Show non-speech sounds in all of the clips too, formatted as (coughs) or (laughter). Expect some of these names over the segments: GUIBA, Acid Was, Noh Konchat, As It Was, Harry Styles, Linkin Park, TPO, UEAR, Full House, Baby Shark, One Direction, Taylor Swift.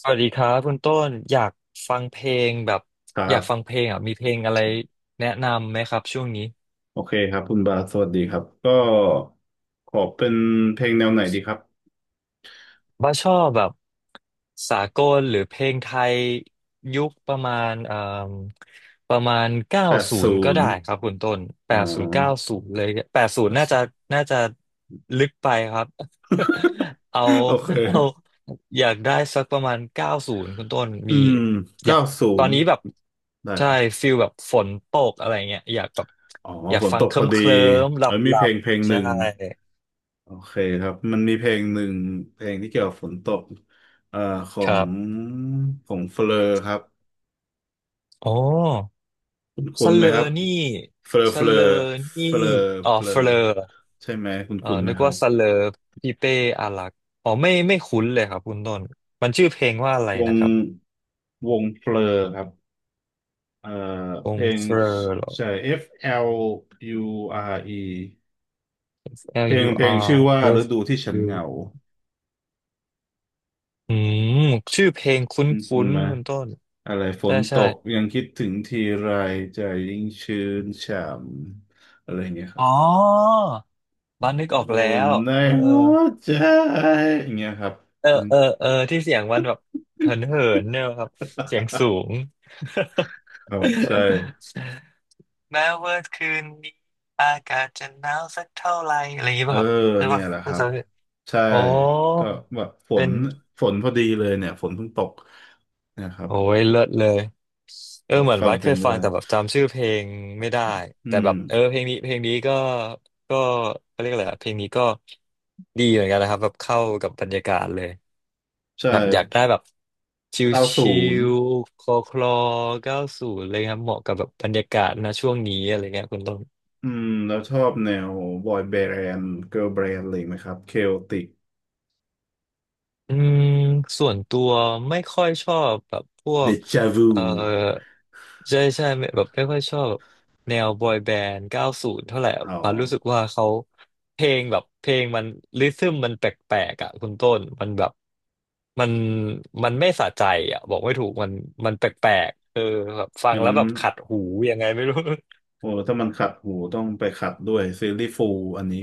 สวัสดีครับคุณต้นอยากฟังเพลงแบบครัอยากฟังเพบลงอ่ะมีเพลงอะไรแนะนำไหมครับช่วงนี้ โอเคครับคุณบาสสวัสดีครับก็ขอเป็นเพลงแนวไหนดีครับว่าชอบแบบสากลหรือเพลงไทยยุคมประมาณเก้าแปดศูนศูย์ก็นได้ย์ครับคุณต้นแปอ๋อ ดศูนย์เก้าศูนย์เลยแปดศูนย์น่าจะ (laughs) น่าจะลึกไปครับ (laughs) เอาโอเคเอาอยากได้สักประมาณเก้าศูนย์คุณต้นอืมีมอยาเก้ากศูตอนนย์นี้แบบได้ใช่ครับฟิลแบบฝนตกอะไรเงี้ยอยากแบบอ๋ออยากฝนฟัตงกเคพลิ้อมดีเคลิ้มหลัเอ้บยมีหลัเพลบงเพลงๆหใช่นึ่งโอเคครับมันมีเพลงหนึ่งเพลงที่เกี่ยวกับฝนตกเอ่อขอคงรับของเฟลอครับโอ้ คุณคุสณไหเลมอครับนี่เฟลอสเฟลอเลอนี่เฟลออ๋อเฟลอเฟลอใช่ไหมคุณเออคุณไหมนึกครัว่าบ สเลอพี่เป้อารักษ์อ๋อไม่คุ้นเลยครับคุณต้นมันชื่อเพลงว่าอะไรวงนะครับเพลอครับเอ่ออเพงลงเฟลอเหรอ ใช่ FLURE L เพลง U เพลงชื่อ R ว่าฤ F ดูที่ฉันเหงา U อืมชื่อเพลงคุ้คุณนไหมๆคุณต้นอะไรฝใช่นตใช่กยังคิดถึงทีไรใจยิ่งชื้นฉ่ำอะไรอย่างเงี้ยครับอ๋อบ้านนึกออกอุ่แล้นวในเออหัวใจอย่างเงี้ยครับ (laughs) เอออืม เออเออเออที่เสียงมันแบบเหินเหินเนี่ยครับเสียงสูง (laughs) ครับใช่ แม้ว่าคืนนี้อากาศจะหนาวสักเท่าไหร่อะไรอย่างเงี้ยเออป่ะครับใช่เนี่ยป่ะแหละคน่ารับจะใช่โอ้ก็แบบฝเป็นนฝนพอดีเลยเนี่ยฝนเพิ่งตกเนะครับโอ้ยเลิศเลยเออก็เหมือนฟังวัดเพเคลงยก็ฟังได้แต่แบบจำชื่อเพลงไม่ได้อ่ะอืแต่มแบบเออเพลงนี้ก็เขาเรียกอะไรอะเพลงนี้ก็ดีเหมือนกันนะครับแบบเข้ากับบรรยากาศเลยใช่แบบอยากได้แบบชเก้าศูินย์ลๆคลอคลอเก้าูอะไรครับเหมาะกับแบบบรรยากาศนะช่วงนี้อะไรเงี้ยคุณต้น อืมแล้วชอบแนวบอยแบนด์เกิร์ลแบนด์อะไรไหมครับเคโอติกอืมส่วนตัวไม่ค่อยชอบแบบพวเดกจาวูเอ่อใช่ใช่ไม่แบบไม่ค่อยชอบแบบแนวบอยแบนด์เก้าสูนเท่าไหร่อะอ๋อารู้สึกว่าเขาเพลงมันริทึมแปลกๆอ่ะคุณต้นมันแบบมันไม่สะใจอ่ะบอกไม่ถูกมันแปลกๆเออแบบฟังงั้นแล้วแบบขัดหูยังไงไม่รู้โอ้ถ้ามันขัดหูต้องไปขัดด้วยซีรีส์ฟูลอันนี้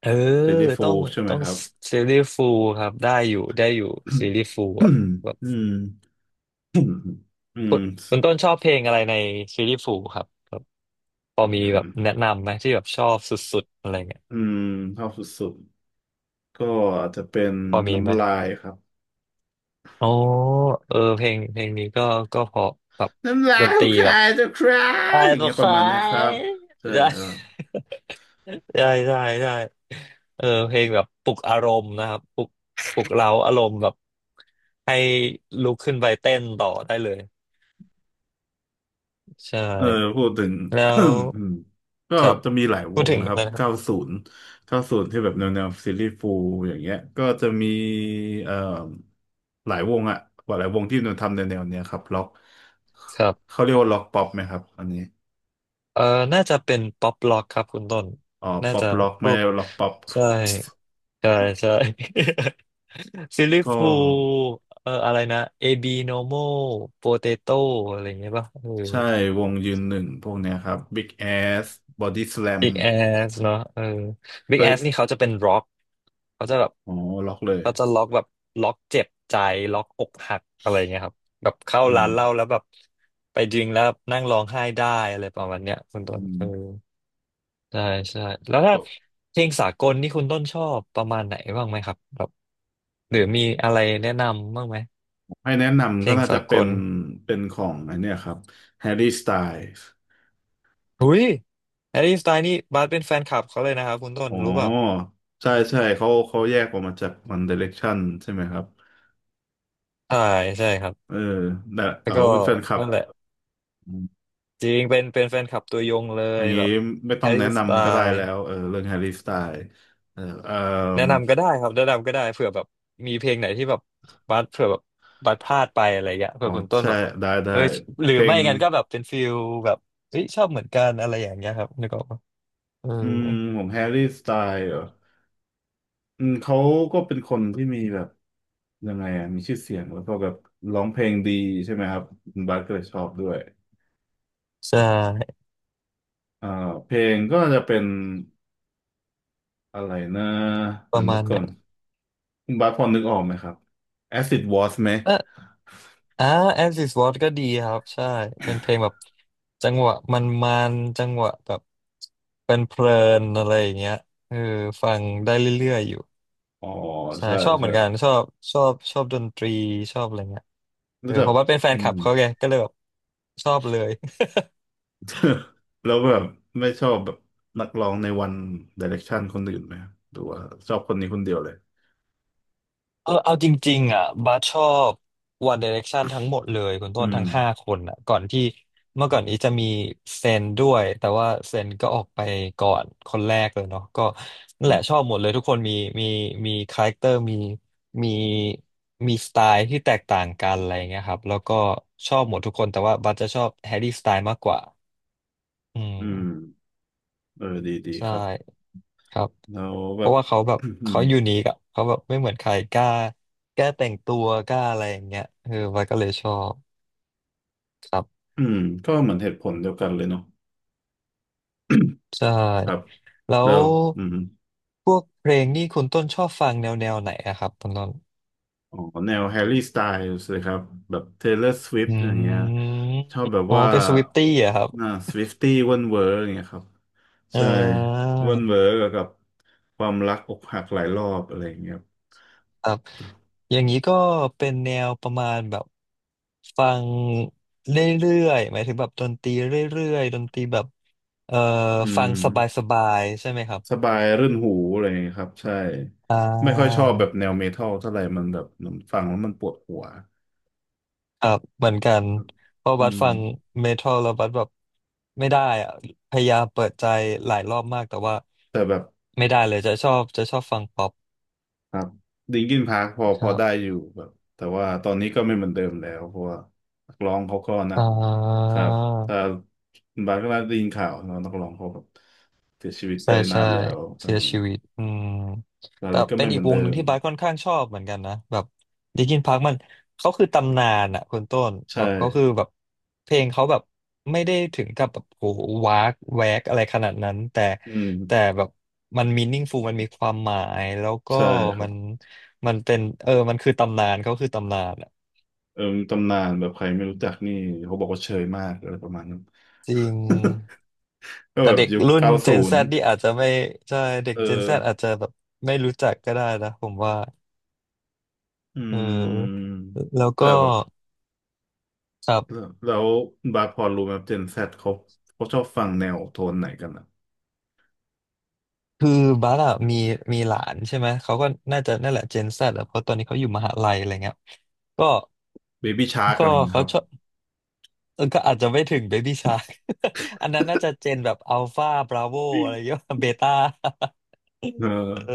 เออซีรีส์ฟูต้อลงใช่ไหมต้องครับ ซีรีส์ฟูลครับได้อยู่ได้อยู่ซีรีส์ฟูลอ่ะ (coughs) อืม คุณคุ (coughs) ณต้นชอบเพลงอะไรในซีรีส์ฟูครับแบบพอมีแบอืบม แนะนำไหมที่แบบชอบสุดๆอะไรเงี้ยอืมชอบสุดๆก็อาจจะเป็นพอมีไหมน้ำลายครับโอ้เออเพลงนี้ก็ก็เพอแบบน้ำลาดยนขตองรีใคแบรบจะคราไอ้อย่างบุเงี้ยประคามาณเนะครับยใช่ใช่ ครับ (laughs) ใช่ใช่ใช่เออเพลงแบบปลุกอารมณ์นะครับปลุกเร้าอารมณ์แบบให้ลุกขึ้นไปเต้นต่อได้เลย ใชเออ่ พูดถึง แล้ (coughs) (clears throat) วอืมก็ครับจะมีหลายวพูดงถึงนะครับนะครับ เก้าศูนย์เก้าศูนย์ที่แบบแนวแนวซีรีส์ฟูลอย่างเงี้ยก็จะมีเอ่อหลายวงอะหลายวงที่นนทำแนวแนวเนี้ยครับล็อกครับ เขาเรียกว่าล็อกป๊อปไหมครับอันนี้เอ่อน่าจะเป็นป๊อปล็อกครับคุณต้นอ๋อน่าป๊อปจะล็อกพไม่วกล็อกป๊อป ใช่ใช่ใช่ (laughs) ซิลลี่ (laughs) ก็ ฟูอะไรนะเอบีโนโมโปเตโต้อะไรอย่างเงี้ยป่ะเออใช่วงยืนหนึ่งพวกเนี้ยครับ Big Ass Body Slam บิ๊กแอสเนาะเออบิ๊เคกแอสนี่ยเขาจะเป็นร็อกเขาจะแบบอ๋อล็อกเลยเขาจะล็อกแบบล็อกเจ็บใจล็อกอกหักอะไรอย่างเงี้ยครับแบบเข้าอืร้ามนเหล้าแล้วแบบไปดริงแล้วนั่งร้องไห้ได้อะไรประมาณเนี้ยคุณต้อืนเอมอ ใช่ใช่แล้วถ้าก็เพลงสากลนี่คุณต้นชอบประมาณไหนบ้างไหมครับแบบหรือมีอะไรแนะนำบ้างไหมให้แนะเพนำลก็งน่าสาจะกเป็นลเป็นของไอันเนี้ยครับ Harry Styles หุยแฮร์รี่สไตล์นี่บาสเป็นแฟนคลับเขาเลยนะครับคุณต้นอ๋รู้เปล่าอใช่ใช่เขาแยกออกมาจาก One Direction ใช่ไหมครับใช่ใช่ครับเออแต่แล้เอวอก็เป็นแฟนคลับนั่นแหละอมจริงเป็นแฟนคลับตัวยงเลอย่ายงนี้แบบไม่แฮต้องร์รี่แนะสไตนำก็ได้ล์ แล้วเออเรื่อง Harry Styles เออเออแนะนำก็ได้ครับแนะนำก็ได้เผื่อแบบมีเพลงไหนที่แบบบัสเผื่อแบบบัสพลาดไปอะไรเงี้ยอ๋อเผื่อคุณต้นใช่แบบได้ได้เออหรืเพอลไม่งงั้นก็แบบเป็นฟิลแบบเฮ้ยชอบเหมือนกันอะไรอย่างเงี้ยครับนึกออกปะเอออืมของแฮร์รี่สไตล์เหรอ อืมเขาก็เป็นคนที่มีแบบยังไงอ่ะมีชื่อเสียงแล้วก็แบบร้องเพลงดีใช่ไหมครับคุณบาสก็เลยชอบด้วยใช่อ่าเพลงก็จะเป็นอะไรนะปเดี๋ยระวนึมากณไหนก่อนคุณบาสพอนึกออกไหมครับ Acid Was ไหมเอออ่า As is What ก็ดีครับใช่เป็นเพลงแบบจังหวะมันจังหวะแบบเป็นเพลินๆอะไรอย่างเงี้ยเออฟังได้เรื่อยๆอยู่ อ๋อใช่ใช่ชอบเหใช่มือนกันชอบชอบดนตรีชอบอะไรเงี้ยเอรู้อจัเพกราะว่าเป็นแฟอืนคลับม เขาไงก็เลยแบบชอบเลย (laughs) (laughs) แล้วแบบไม่ชอบแบบนักร้องในวัน Direction คนอื่นไหมครับหรือว่าชอบคนนี้คนเดียวเลยเอาจริงๆอ่ะบัสชอบ One Direction ทั้งหมดเลยคุณอืต้นมทั้งห้าคนอ่ะก่อนที่เมื่อก่อนอีจะมีเซนด้วยแต่ว่าเซนก็ออกไปก่อนคนแรกเลยเนาะก็นั่นแหละชอบหมดเลยทุกคนมีมีคาแรคเตอร์มีมีสไตล์ที่แตกต่างกันอะไรเงี้ยครับแล้วก็ชอบหมดทุกคนแต่ว่าบัสจะชอบแฮร์รี่สไตล์มากกว่าอือืม มเออดีดีใช่ครับครับแล้วเพแบบ ราะว่าเขาแบบเขายู (clears throat) นิคอะเขาแบบไม่เหมือนใครกล้าแก้แต่งตัวกล้าอะไรอย่างเงี้ยเออวายก็เลยชอบครับอืมก็เหมือนเหตุผลเดียวกันเลยเนาะใช่ครับแล้แล้ววอืมพวกเพลงนี่คุณต้นชอบฟังแนวไหนอะครับคุณต้นอ๋อแนวแฮร์รี่สไตล์เลยครับแบบ Taylor Swift อร์สวิฟอืต์อย่างเงี้ยมชอบแบบอ๋อว่าเป็นสวิฟตี้อะครับน่าสวิฟตี้เว่นเวอร์อย่างเงี้ยครับเใช่เว่นเวออ อร์กับความรักอกหักหลายรอบอะไรอย่างเงี้ยครับครับอย่างนี้ก็เป็นแนวประมาณแบบฟังเรื่อยๆหมายถึงแบบดนตรีเรื่อยๆดนตรีแบบเอ่ออืฟังมสบายๆใช่ไหมครับ สบายรื่นหูอะไรอย่างเงี้ยครับใช่อ่ไม่ค่อยชอาบแบบแนวเมทัลเท่าไหร่มันแบบมันฟังแล้วมันปวดหัวครับเหมือนกันเพราะอืบัสมฟังเมทัลแล้วบัสแบบไม่ได้อะพยายามเปิดใจหลายรอบมากแต่ว่าแต่แบบ ไม่ได้เลยจะชอบฟังป๊อปครับดิงกินพาร์คพอพคอรัได้บอยู่แบบแต่ว่าตอนนี้ก็ไม่เหมือนเดิมแล้วเพราะว่านักร้องเขาก็นะอ่ครับถ้าา บางก็ได้ยินข่าวเนอะนักร้องเขาแบบเสียชีวิตไปใช่นาใช่นแล้วเออเสียชีวิตอืมอะไรแต่ก็เป็ไม่นเหอีมืกอนวเดิงหนึ่งมที่บาสค่อนข้างชอบเหมือนกันนะแบบลินคินพาร์คมันเขาคือตำนานอ่ะคุณต้นใช่แบบเขาคือแบบเพลงเขาแบบไม่ได้ถึงกับแบบโอ้โหวากแวกอะไรขนาดนั้นแต่อืมแต่แบบมันมีนิ่งฟูมันมีความหมายแล้วก็ใช่ครัมับนมันเป็นเออมันคือตำนานเขาคือตำนานอะเออมีตำนานแบบใครไม่รู้จักนี่เขาบอกว่าเชยมากอะไรประมาณนั้น จริง (laughs) ก็แต่แบบเด็กยุครุ่น เก้าศู Gen Z นย์นี่อาจจะไม่ใช่เด็ก เออ Gen Z อาจจะแบบไม่รู้จักก็ได้นะผมว่า อืเออมแล้วแต่ก็แบบ ครัแล้บวแล้วบาสพอรู้ไหมเจนแซดเขาชอบฟังแนวโทนไหนกันอะคือบัสอะมีหลานใช่ไหมเขาก็น่าจะนั่นแหละเจนแซดอะเพราะตอนนี้เขาอยู่มหาลัยอะไรเงี้ยก็เบบี้ชาร์กก็อะไรอย่างเงี้ยคเขารับชอบเออก็อาจจะไม่ถึงเบบี้ชา (laughs) อันนั้นน่าจะเจนแบบอัลฟาบราโวอือะไรมเงี้ย (laughs) เบต้า เออ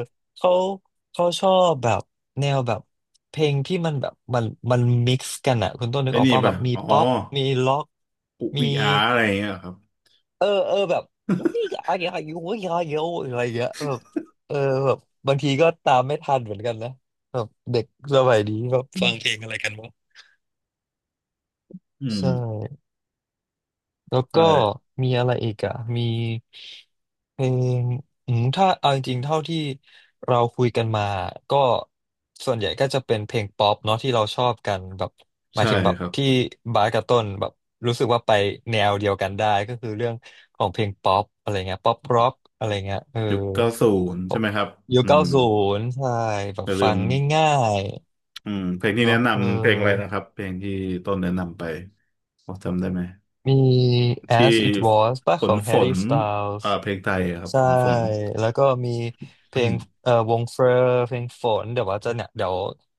(laughs) เขาเขาชอบแบบแนวแบบเพลงที่มันแบบมันมิกซ์กันอะคุณต้นนึไอ้กออกนี่ป่ะแบป่ะบมีอ๋อป๊อปมีล็อกอุมี อีอาร์อะไรอย่างเงี้ยครับเออเออแบบอุ๊ยอะไรเงี้ยอายุอยอะไรเยอะอะไรเงี้ยแบบเออแบบบางทีก็ตามไม่ทันเหมือนกันนะแบบเด็กสมัยนี้แบบอืฟังเพมลงอะไรกันวะใช่ แล้วใช่ก็มีอะไรอีกอ่ะมีเพลงถ้าเอาจริงๆเท่าที่เราคุยกันมาก็ส่วนใหญ่ก็จะเป็นเพลงป๊อปเนาะที่เราชอบกันแบบหมายใช่ถึงแบบครับที่บาสกับต้นแบบรู้สึกว่าไปแนวเดียวกันได้ก็คือเรื่องของเพลงป๊อปอะไรเงี้ยป๊อปร็อกอะไรเงี้ยเออยุคเก้าศูนย์ใช่ไหมครับยุคอืเก้ามศูนย์ใช่แบอบย่าลืฟัมงง่ายอืมเพลงๆที่เนาะแนะเออ นำเพลงอะไรนะครับเพลงที่ต้นแนะนำไปพอจำได้ไหมมี ที่ As It Was ป่ะฝขนอง ฝ Harry นอ่า Styles เพลงไทยอะครับใช่ฝน แล้วก็มีเพลงวงเฟอร์เพลงฝนเดี๋ยวว่าจะเนี่ยเดี๋ยว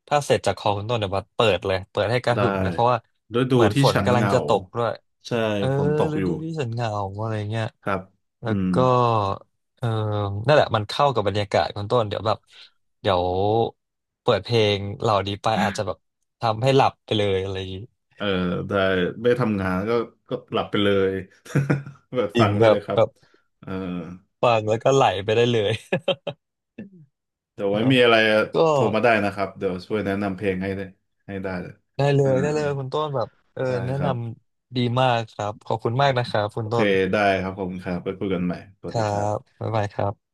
ถ้าเสร็จจากคอคุณต้นเดี๋ยวว่าเปิดเลยเปิดให้กระได้หึ่มเลยเพราะว่าฤดูเหมือนที่ฝนฉันกำเหลังงาจะตกด้วยใช่เออฝนตกฤอยู่ดูที่ฉันเหงาอะไรเงี้ยครับแล้อืวมก็เออนั่นแหละมันเข้ากับบรรยากาศคุณต้นเดี๋ยวแบบเดี๋ยวเปิดเพลงเหล่านี้ไปอาจจะแบบทำให้หลับไปเลยอะไรอย่างงี้เออได้ไม่ทำงานก็ก็หลับไปเลย (laughs) แบบจฟัริงงได้ครัเลบยครัแบบบเออฟังแล้วก็ไหลไปได้เลย เดี๋ยวไว้เนาะมีอะไรก็โทรมาได้นะครับเดี๋ยวช่วยแนะนำเพลงให้ได้เลยได้เลอ่ายได้เลยคุณต้นแบบเออได้แนะคนรับำดีมากครับขอบคุณมากนะครับคุโอณเคต้นได้ครับขอบคุณครับไปคุยกันใหม่สควัสดีรัครับบบ๊ายบายครับ